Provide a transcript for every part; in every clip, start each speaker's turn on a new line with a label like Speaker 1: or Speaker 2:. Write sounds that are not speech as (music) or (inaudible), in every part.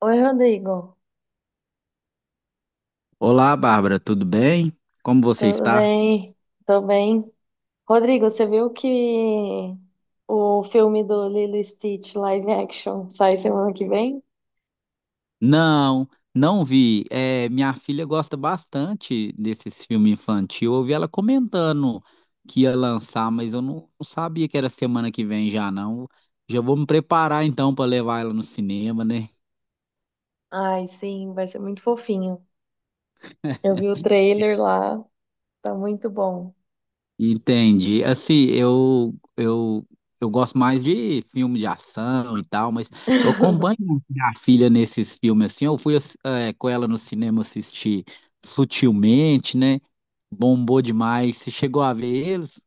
Speaker 1: Oi, Rodrigo.
Speaker 2: Olá, Bárbara, tudo bem? Como você
Speaker 1: Tudo
Speaker 2: está?
Speaker 1: bem? Tô bem. Rodrigo, você viu que o filme do Lilo e Stitch live action sai semana que vem?
Speaker 2: Não, não vi. É, minha filha gosta bastante desses filmes infantil. Eu ouvi ela comentando que ia lançar, mas eu não sabia que era semana que vem já, não. Já vou me preparar então para levar ela no cinema, né?
Speaker 1: Ai, sim, vai ser muito fofinho. Eu vi o trailer lá, tá muito bom.
Speaker 2: Entendi. Assim, eu gosto mais de filme de ação e tal, mas eu acompanho
Speaker 1: (laughs)
Speaker 2: minha filha nesses filmes assim. Eu fui com ela no cinema assistir Sutilmente, né? Bombou demais. Você chegou a ver eles?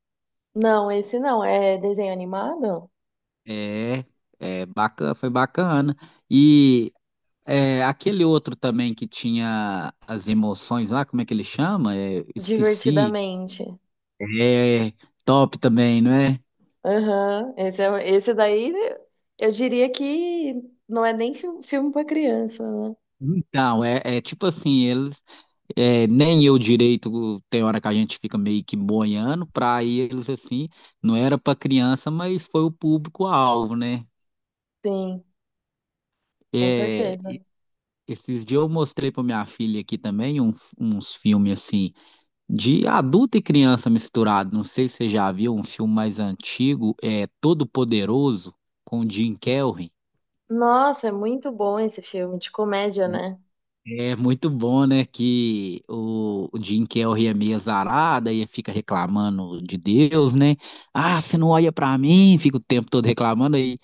Speaker 1: Não, esse não, é desenho animado?
Speaker 2: É, é bacana, foi bacana. E aquele outro também que tinha as emoções lá, como é que ele chama? É, esqueci.
Speaker 1: Divertidamente.
Speaker 2: É top também, não é?
Speaker 1: Aham, esse, é, esse daí eu diria que não é nem filme pra criança, né?
Speaker 2: Então, é, é tipo assim, eles. É, nem eu direito, tem hora que a gente fica meio que boiando, para eles assim, não era para criança, mas foi o público-alvo, né?
Speaker 1: Sim, com
Speaker 2: É,
Speaker 1: certeza.
Speaker 2: esses dias eu mostrei para minha filha aqui também uns filmes assim, de adulto e criança misturado. Não sei se você já viu um filme mais antigo, é Todo Poderoso, com o Jim Carrey.
Speaker 1: Nossa, é muito bom esse filme de comédia, né?
Speaker 2: É muito bom, né, que o Jim Carrey é meio azarado e fica reclamando de Deus, né? Ah, você não olha pra mim, fica o tempo todo reclamando. Aí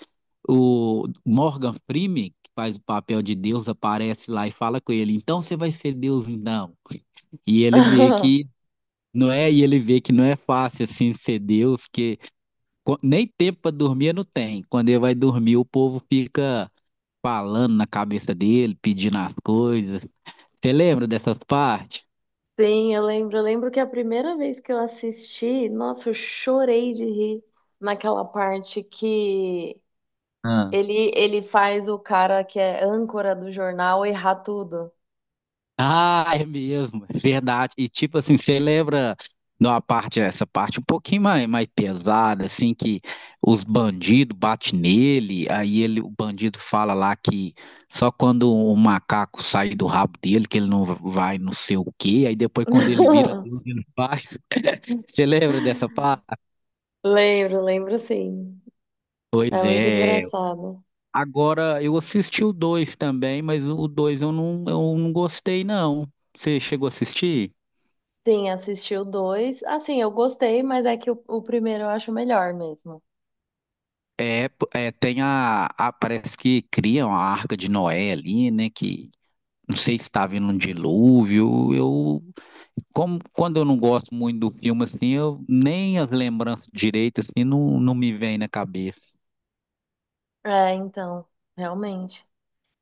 Speaker 2: o Morgan Freeman, que faz o papel de Deus, aparece lá e fala com ele, então você vai ser Deus então. E ele vê que
Speaker 1: (laughs)
Speaker 2: não é, e ele vê que não é fácil assim ser Deus, que nem tempo pra dormir não tem. Quando ele vai dormir, o povo fica falando na cabeça dele, pedindo as coisas. Você lembra dessas partes?
Speaker 1: Sim, eu lembro. Eu lembro que a primeira vez que eu assisti, nossa, eu chorei de rir naquela parte que
Speaker 2: Ah,
Speaker 1: ele faz o cara que é âncora do jornal errar tudo.
Speaker 2: Ah, é mesmo, é verdade. E tipo assim, você lembra de uma parte, essa parte um pouquinho mais, mais pesada, assim, que os bandidos batem nele, aí ele, o bandido fala lá que só quando o macaco sai do rabo dele, que ele não vai não sei o quê, aí depois quando ele vira
Speaker 1: (laughs)
Speaker 2: Deus, ele faz. (laughs) Você lembra dessa parte?
Speaker 1: Lembro, lembro sim. É
Speaker 2: Pois
Speaker 1: muito
Speaker 2: é.
Speaker 1: engraçado.
Speaker 2: Agora, eu assisti o dois também, mas o dois eu não gostei, não. Você chegou a assistir?
Speaker 1: Sim, assisti o dois. Assim, eu gostei, mas é que o primeiro eu acho melhor mesmo.
Speaker 2: É, é, tem Parece que criam a Arca de Noé ali, né? Que não sei se está vindo um dilúvio. Eu, como, quando eu não gosto muito do filme, assim, eu nem as lembranças direitas, assim, não me vem na cabeça.
Speaker 1: É, então, realmente.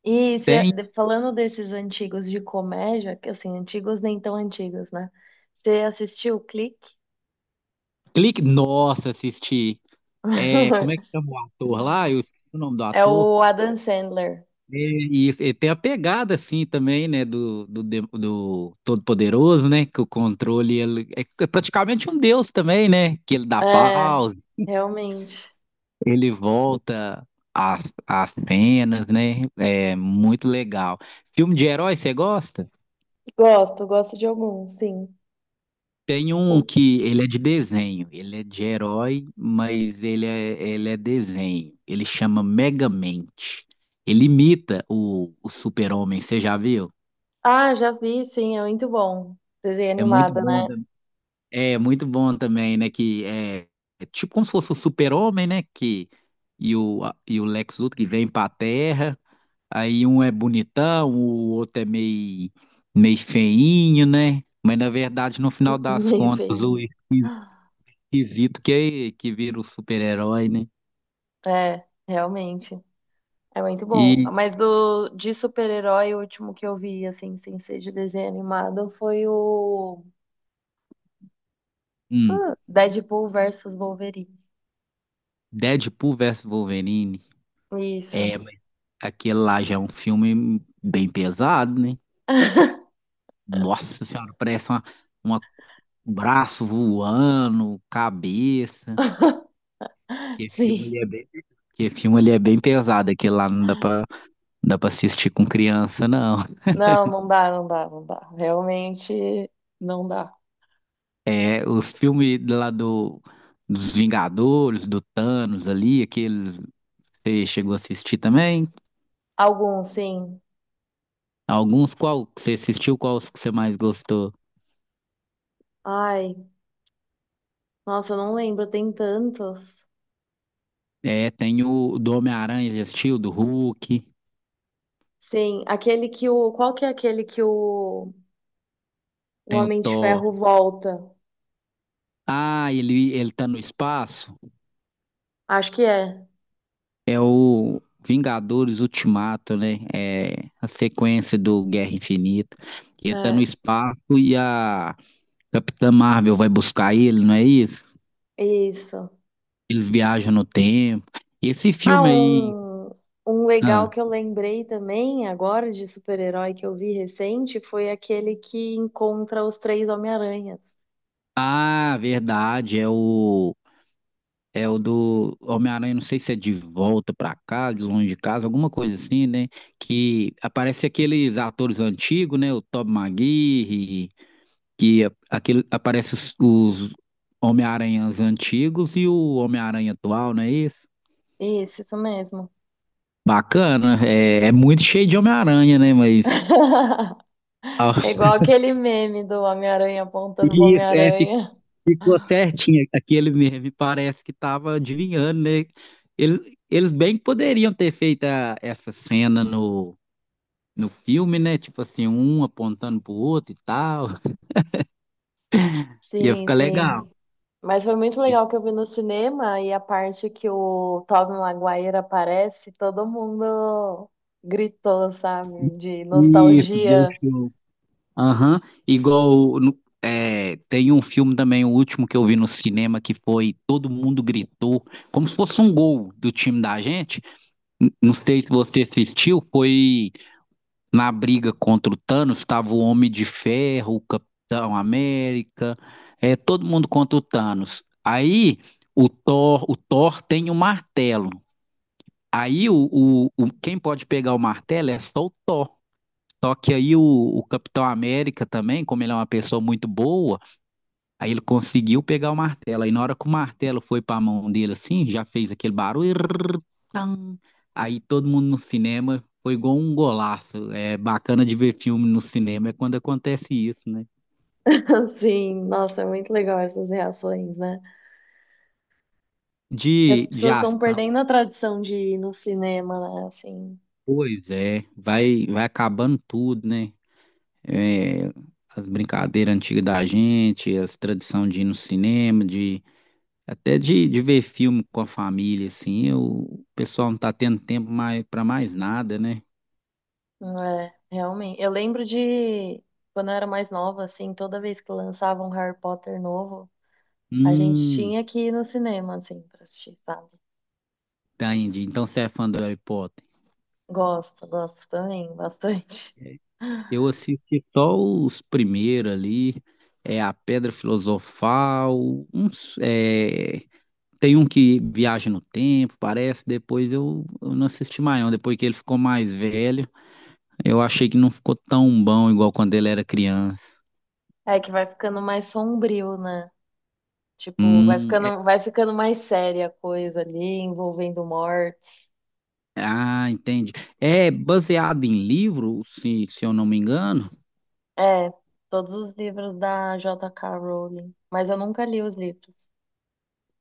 Speaker 1: E
Speaker 2: Tem
Speaker 1: falando desses antigos de comédia, que assim, antigos nem tão antigos, né? Você assistiu o Clique?
Speaker 2: clique. Nossa, assisti. É, como é
Speaker 1: (laughs)
Speaker 2: que chama o ator lá? Eu esqueci o nome do
Speaker 1: É
Speaker 2: ator.
Speaker 1: o Adam Sandler.
Speaker 2: É, E, isso, e tem a pegada, assim, também, né? Do Todo-Poderoso, né? Que o controle ele é praticamente um deus também, né? Que ele dá
Speaker 1: É,
Speaker 2: pausa.
Speaker 1: realmente.
Speaker 2: Ele volta às cenas, né? É muito legal. Filme de herói, você gosta?
Speaker 1: Gosto, gosto de alguns, sim.
Speaker 2: Tem um que ele é de desenho. Ele é de herói, mas ele é desenho. Ele chama Megamente. Ele imita o Super-Homem, você já viu?
Speaker 1: Ah, já vi, sim, é muito bom. Desenho
Speaker 2: É muito
Speaker 1: animado, né?
Speaker 2: bom, é muito bom também, né? Que é, é tipo como se fosse o Super-Homem, né? Que, e o Lex Luthor que vem para a Terra. Aí um é bonitão, o outro é meio feinho, né? Mas na verdade, no final
Speaker 1: (laughs)
Speaker 2: das
Speaker 1: Meio
Speaker 2: contas, o
Speaker 1: feinho.
Speaker 2: esquisito que vira o super-herói, né?
Speaker 1: É, realmente. É muito bom.
Speaker 2: E
Speaker 1: Mas do, de super-herói, o último que eu vi, assim, sem ser de desenho animado, foi o
Speaker 2: hum,
Speaker 1: Deadpool versus Wolverine.
Speaker 2: Deadpool versus Wolverine. É,
Speaker 1: Isso.
Speaker 2: mas aquele lá já é um filme bem pesado, né?
Speaker 1: (laughs)
Speaker 2: Nossa Senhora, parece uma um braço voando, cabeça. Que filme ele
Speaker 1: Sim.
Speaker 2: é bem, que filme ele é bem pesado, aquele lá não dá pra, não dá pra assistir com criança, não.
Speaker 1: Não, não dá, não dá, não dá. Realmente não dá.
Speaker 2: É, os filmes lá dos Vingadores, do Thanos ali, aqueles você chegou a assistir também?
Speaker 1: Alguns, sim.
Speaker 2: Alguns, qual que você assistiu, quais que você mais gostou?
Speaker 1: Ai, nossa, eu não lembro, tem tantos.
Speaker 2: É, tem o do Homem-Aranha, já assistiu? Do Hulk,
Speaker 1: Sim, aquele que o. Qual que é aquele que o
Speaker 2: tem o
Speaker 1: Homem de
Speaker 2: Thor.
Speaker 1: Ferro volta?
Speaker 2: Ah, ele tá no espaço?
Speaker 1: Acho que é.
Speaker 2: É o Vingadores Ultimato, né? É a sequência do Guerra Infinita. Ele tá no
Speaker 1: É,
Speaker 2: espaço e a Capitã Marvel vai buscar ele, não é isso?
Speaker 1: isso.
Speaker 2: Eles viajam no tempo. E esse
Speaker 1: Ah,
Speaker 2: filme aí.
Speaker 1: um legal
Speaker 2: Ah,
Speaker 1: que eu lembrei também agora de super-herói que eu vi recente foi aquele que encontra os três Homem-Aranhas.
Speaker 2: ah, verdade. É o do Homem-Aranha, não sei se é de volta pra casa, de longe de casa, alguma coisa assim, né? Que aparece aqueles atores antigos, né? O Tobey Maguire, que aquele, aparece os Homem-Aranhas antigos e o Homem-Aranha atual, não é isso?
Speaker 1: Isso mesmo.
Speaker 2: Bacana, é, é muito cheio de Homem-Aranha, né? Mas
Speaker 1: (laughs) É igual aquele meme do Homem-Aranha apontando pro
Speaker 2: (laughs) é,
Speaker 1: Homem-Aranha.
Speaker 2: ficou certinho aquele meme, parece que tava adivinhando, né? Eles, eles bem que poderiam ter feito essa cena no filme, né? Tipo assim, um apontando pro outro e tal. (laughs) Ia
Speaker 1: Sim,
Speaker 2: ficar
Speaker 1: sim.
Speaker 2: legal.
Speaker 1: Mas foi muito legal que eu vi no cinema e a parte que o Tobey Maguire aparece, todo mundo gritou, sabe? De
Speaker 2: Isso, deu
Speaker 1: nostalgia.
Speaker 2: show. Aham. Igual é, tem um filme também, o último que eu vi no cinema, que foi Todo Mundo Gritou, como se fosse um gol do time da gente. Não sei se você assistiu, foi. Na briga contra o Thanos, estava o Homem de Ferro, o Capitão América, é, todo mundo contra o Thanos. Aí o Thor tem o martelo. Aí quem pode pegar o martelo é só o Thor. Só que aí o Capitão América também, como ele é uma pessoa muito boa, aí ele conseguiu pegar o martelo. Aí na hora que o martelo foi para a mão dele assim, já fez aquele barulho. Irrrr, tam. Aí todo mundo no cinema foi igual um golaço. É bacana de ver filme no cinema é quando acontece isso, né?
Speaker 1: (laughs) Sim, nossa, é muito legal essas reações, né? E as
Speaker 2: De
Speaker 1: pessoas estão
Speaker 2: ação,
Speaker 1: perdendo a tradição de ir no cinema, né? Assim,
Speaker 2: pois é, vai, vai acabando tudo, né? É, as brincadeiras antigas da gente, as tradições de ir no cinema, de ver filme com a família, assim, o pessoal não tá tendo tempo mais para mais nada, né?
Speaker 1: não é, realmente. Eu lembro de quando eu era mais nova, assim, toda vez que lançava um Harry Potter novo, a gente
Speaker 2: Hum,
Speaker 1: tinha que ir no cinema, assim, pra assistir, sabe?
Speaker 2: tá, Indy. Então você é fã do Harry Potter.
Speaker 1: Gosto, gosto também, (laughs) bastante.
Speaker 2: Eu assisti só os primeiros ali, é a Pedra Filosofal, uns, é, tem um que viaja no tempo, parece, depois eu não assisti mais não, depois que ele ficou mais velho, eu achei que não ficou tão bom igual quando ele era criança.
Speaker 1: É que vai ficando mais sombrio, né? Tipo,
Speaker 2: Hum, é-
Speaker 1: vai ficando mais séria a coisa ali, envolvendo mortes.
Speaker 2: ah, entendi. É baseado em livro, se eu não me engano?
Speaker 1: É, todos os livros da J.K. Rowling. Mas eu nunca li os livros.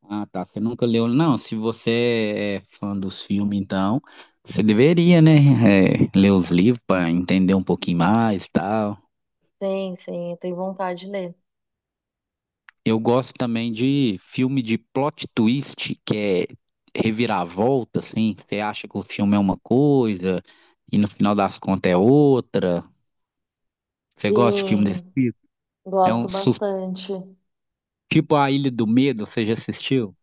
Speaker 2: Ah, tá. Você nunca leu? Não, se você é fã dos filmes, então, você deveria, né? É, ler os livros para entender um pouquinho mais e tal.
Speaker 1: Sim, sim, eu tenho vontade de ler.
Speaker 2: Eu gosto também de filme de plot twist, que é reviravolta, assim. Você acha que o filme é uma coisa e no final das contas é outra. Você gosta de filme desse
Speaker 1: Sim,
Speaker 2: tipo? É um
Speaker 1: gosto bastante.
Speaker 2: tipo A Ilha do Medo, você já assistiu?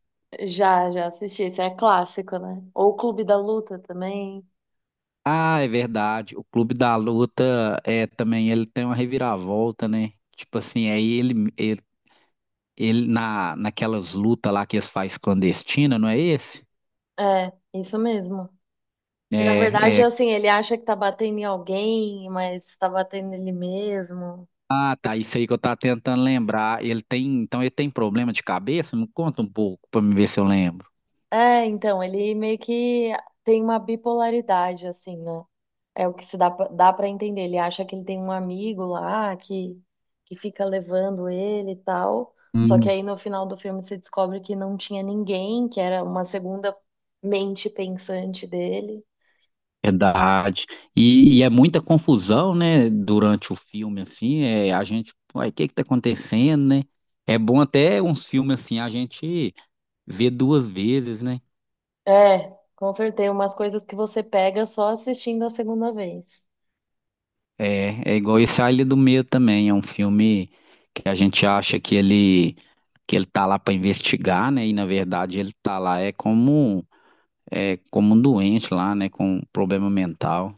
Speaker 1: Já, já assisti. Isso é clássico, né? Ou o Clube da Luta também.
Speaker 2: Ah, é verdade. O Clube da Luta é também ele tem uma reviravolta, né? Tipo assim, ele na naquelas lutas lá que eles fazem clandestina, não é esse?
Speaker 1: É, isso mesmo. Que na verdade,
Speaker 2: É, é.
Speaker 1: assim, ele acha que tá batendo em alguém, mas tá batendo nele mesmo.
Speaker 2: Ah, tá, isso aí que eu tava tentando lembrar. Ele tem, então ele tem problema de cabeça? Me conta um pouco pra me ver se eu lembro.
Speaker 1: É, então, ele meio que tem uma bipolaridade, assim, né? É o que se dá, dá para entender. Ele acha que ele tem um amigo lá que fica levando ele e tal. Só que
Speaker 2: Hum.
Speaker 1: aí no final do filme você descobre que não tinha ninguém, que era uma segunda mente pensante dele.
Speaker 2: Verdade. E é muita confusão, né? Durante o filme, assim, é, a gente, uai, o que que tá acontecendo, né? É bom até uns filmes assim, a gente vê duas vezes, né?
Speaker 1: É, com certeza, umas coisas que você pega só assistindo a segunda vez.
Speaker 2: É, é igual esse A Ilha do Medo também, é um filme que a gente acha que ele tá lá para investigar, né? E na verdade ele tá lá é como um doente lá, né, com um problema mental.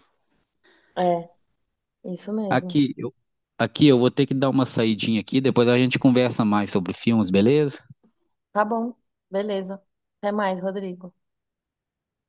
Speaker 1: É, isso mesmo.
Speaker 2: Aqui eu aqui eu vou ter que dar uma saidinha aqui, depois a gente conversa mais sobre filmes, beleza?
Speaker 1: Tá bom, beleza. Até mais, Rodrigo.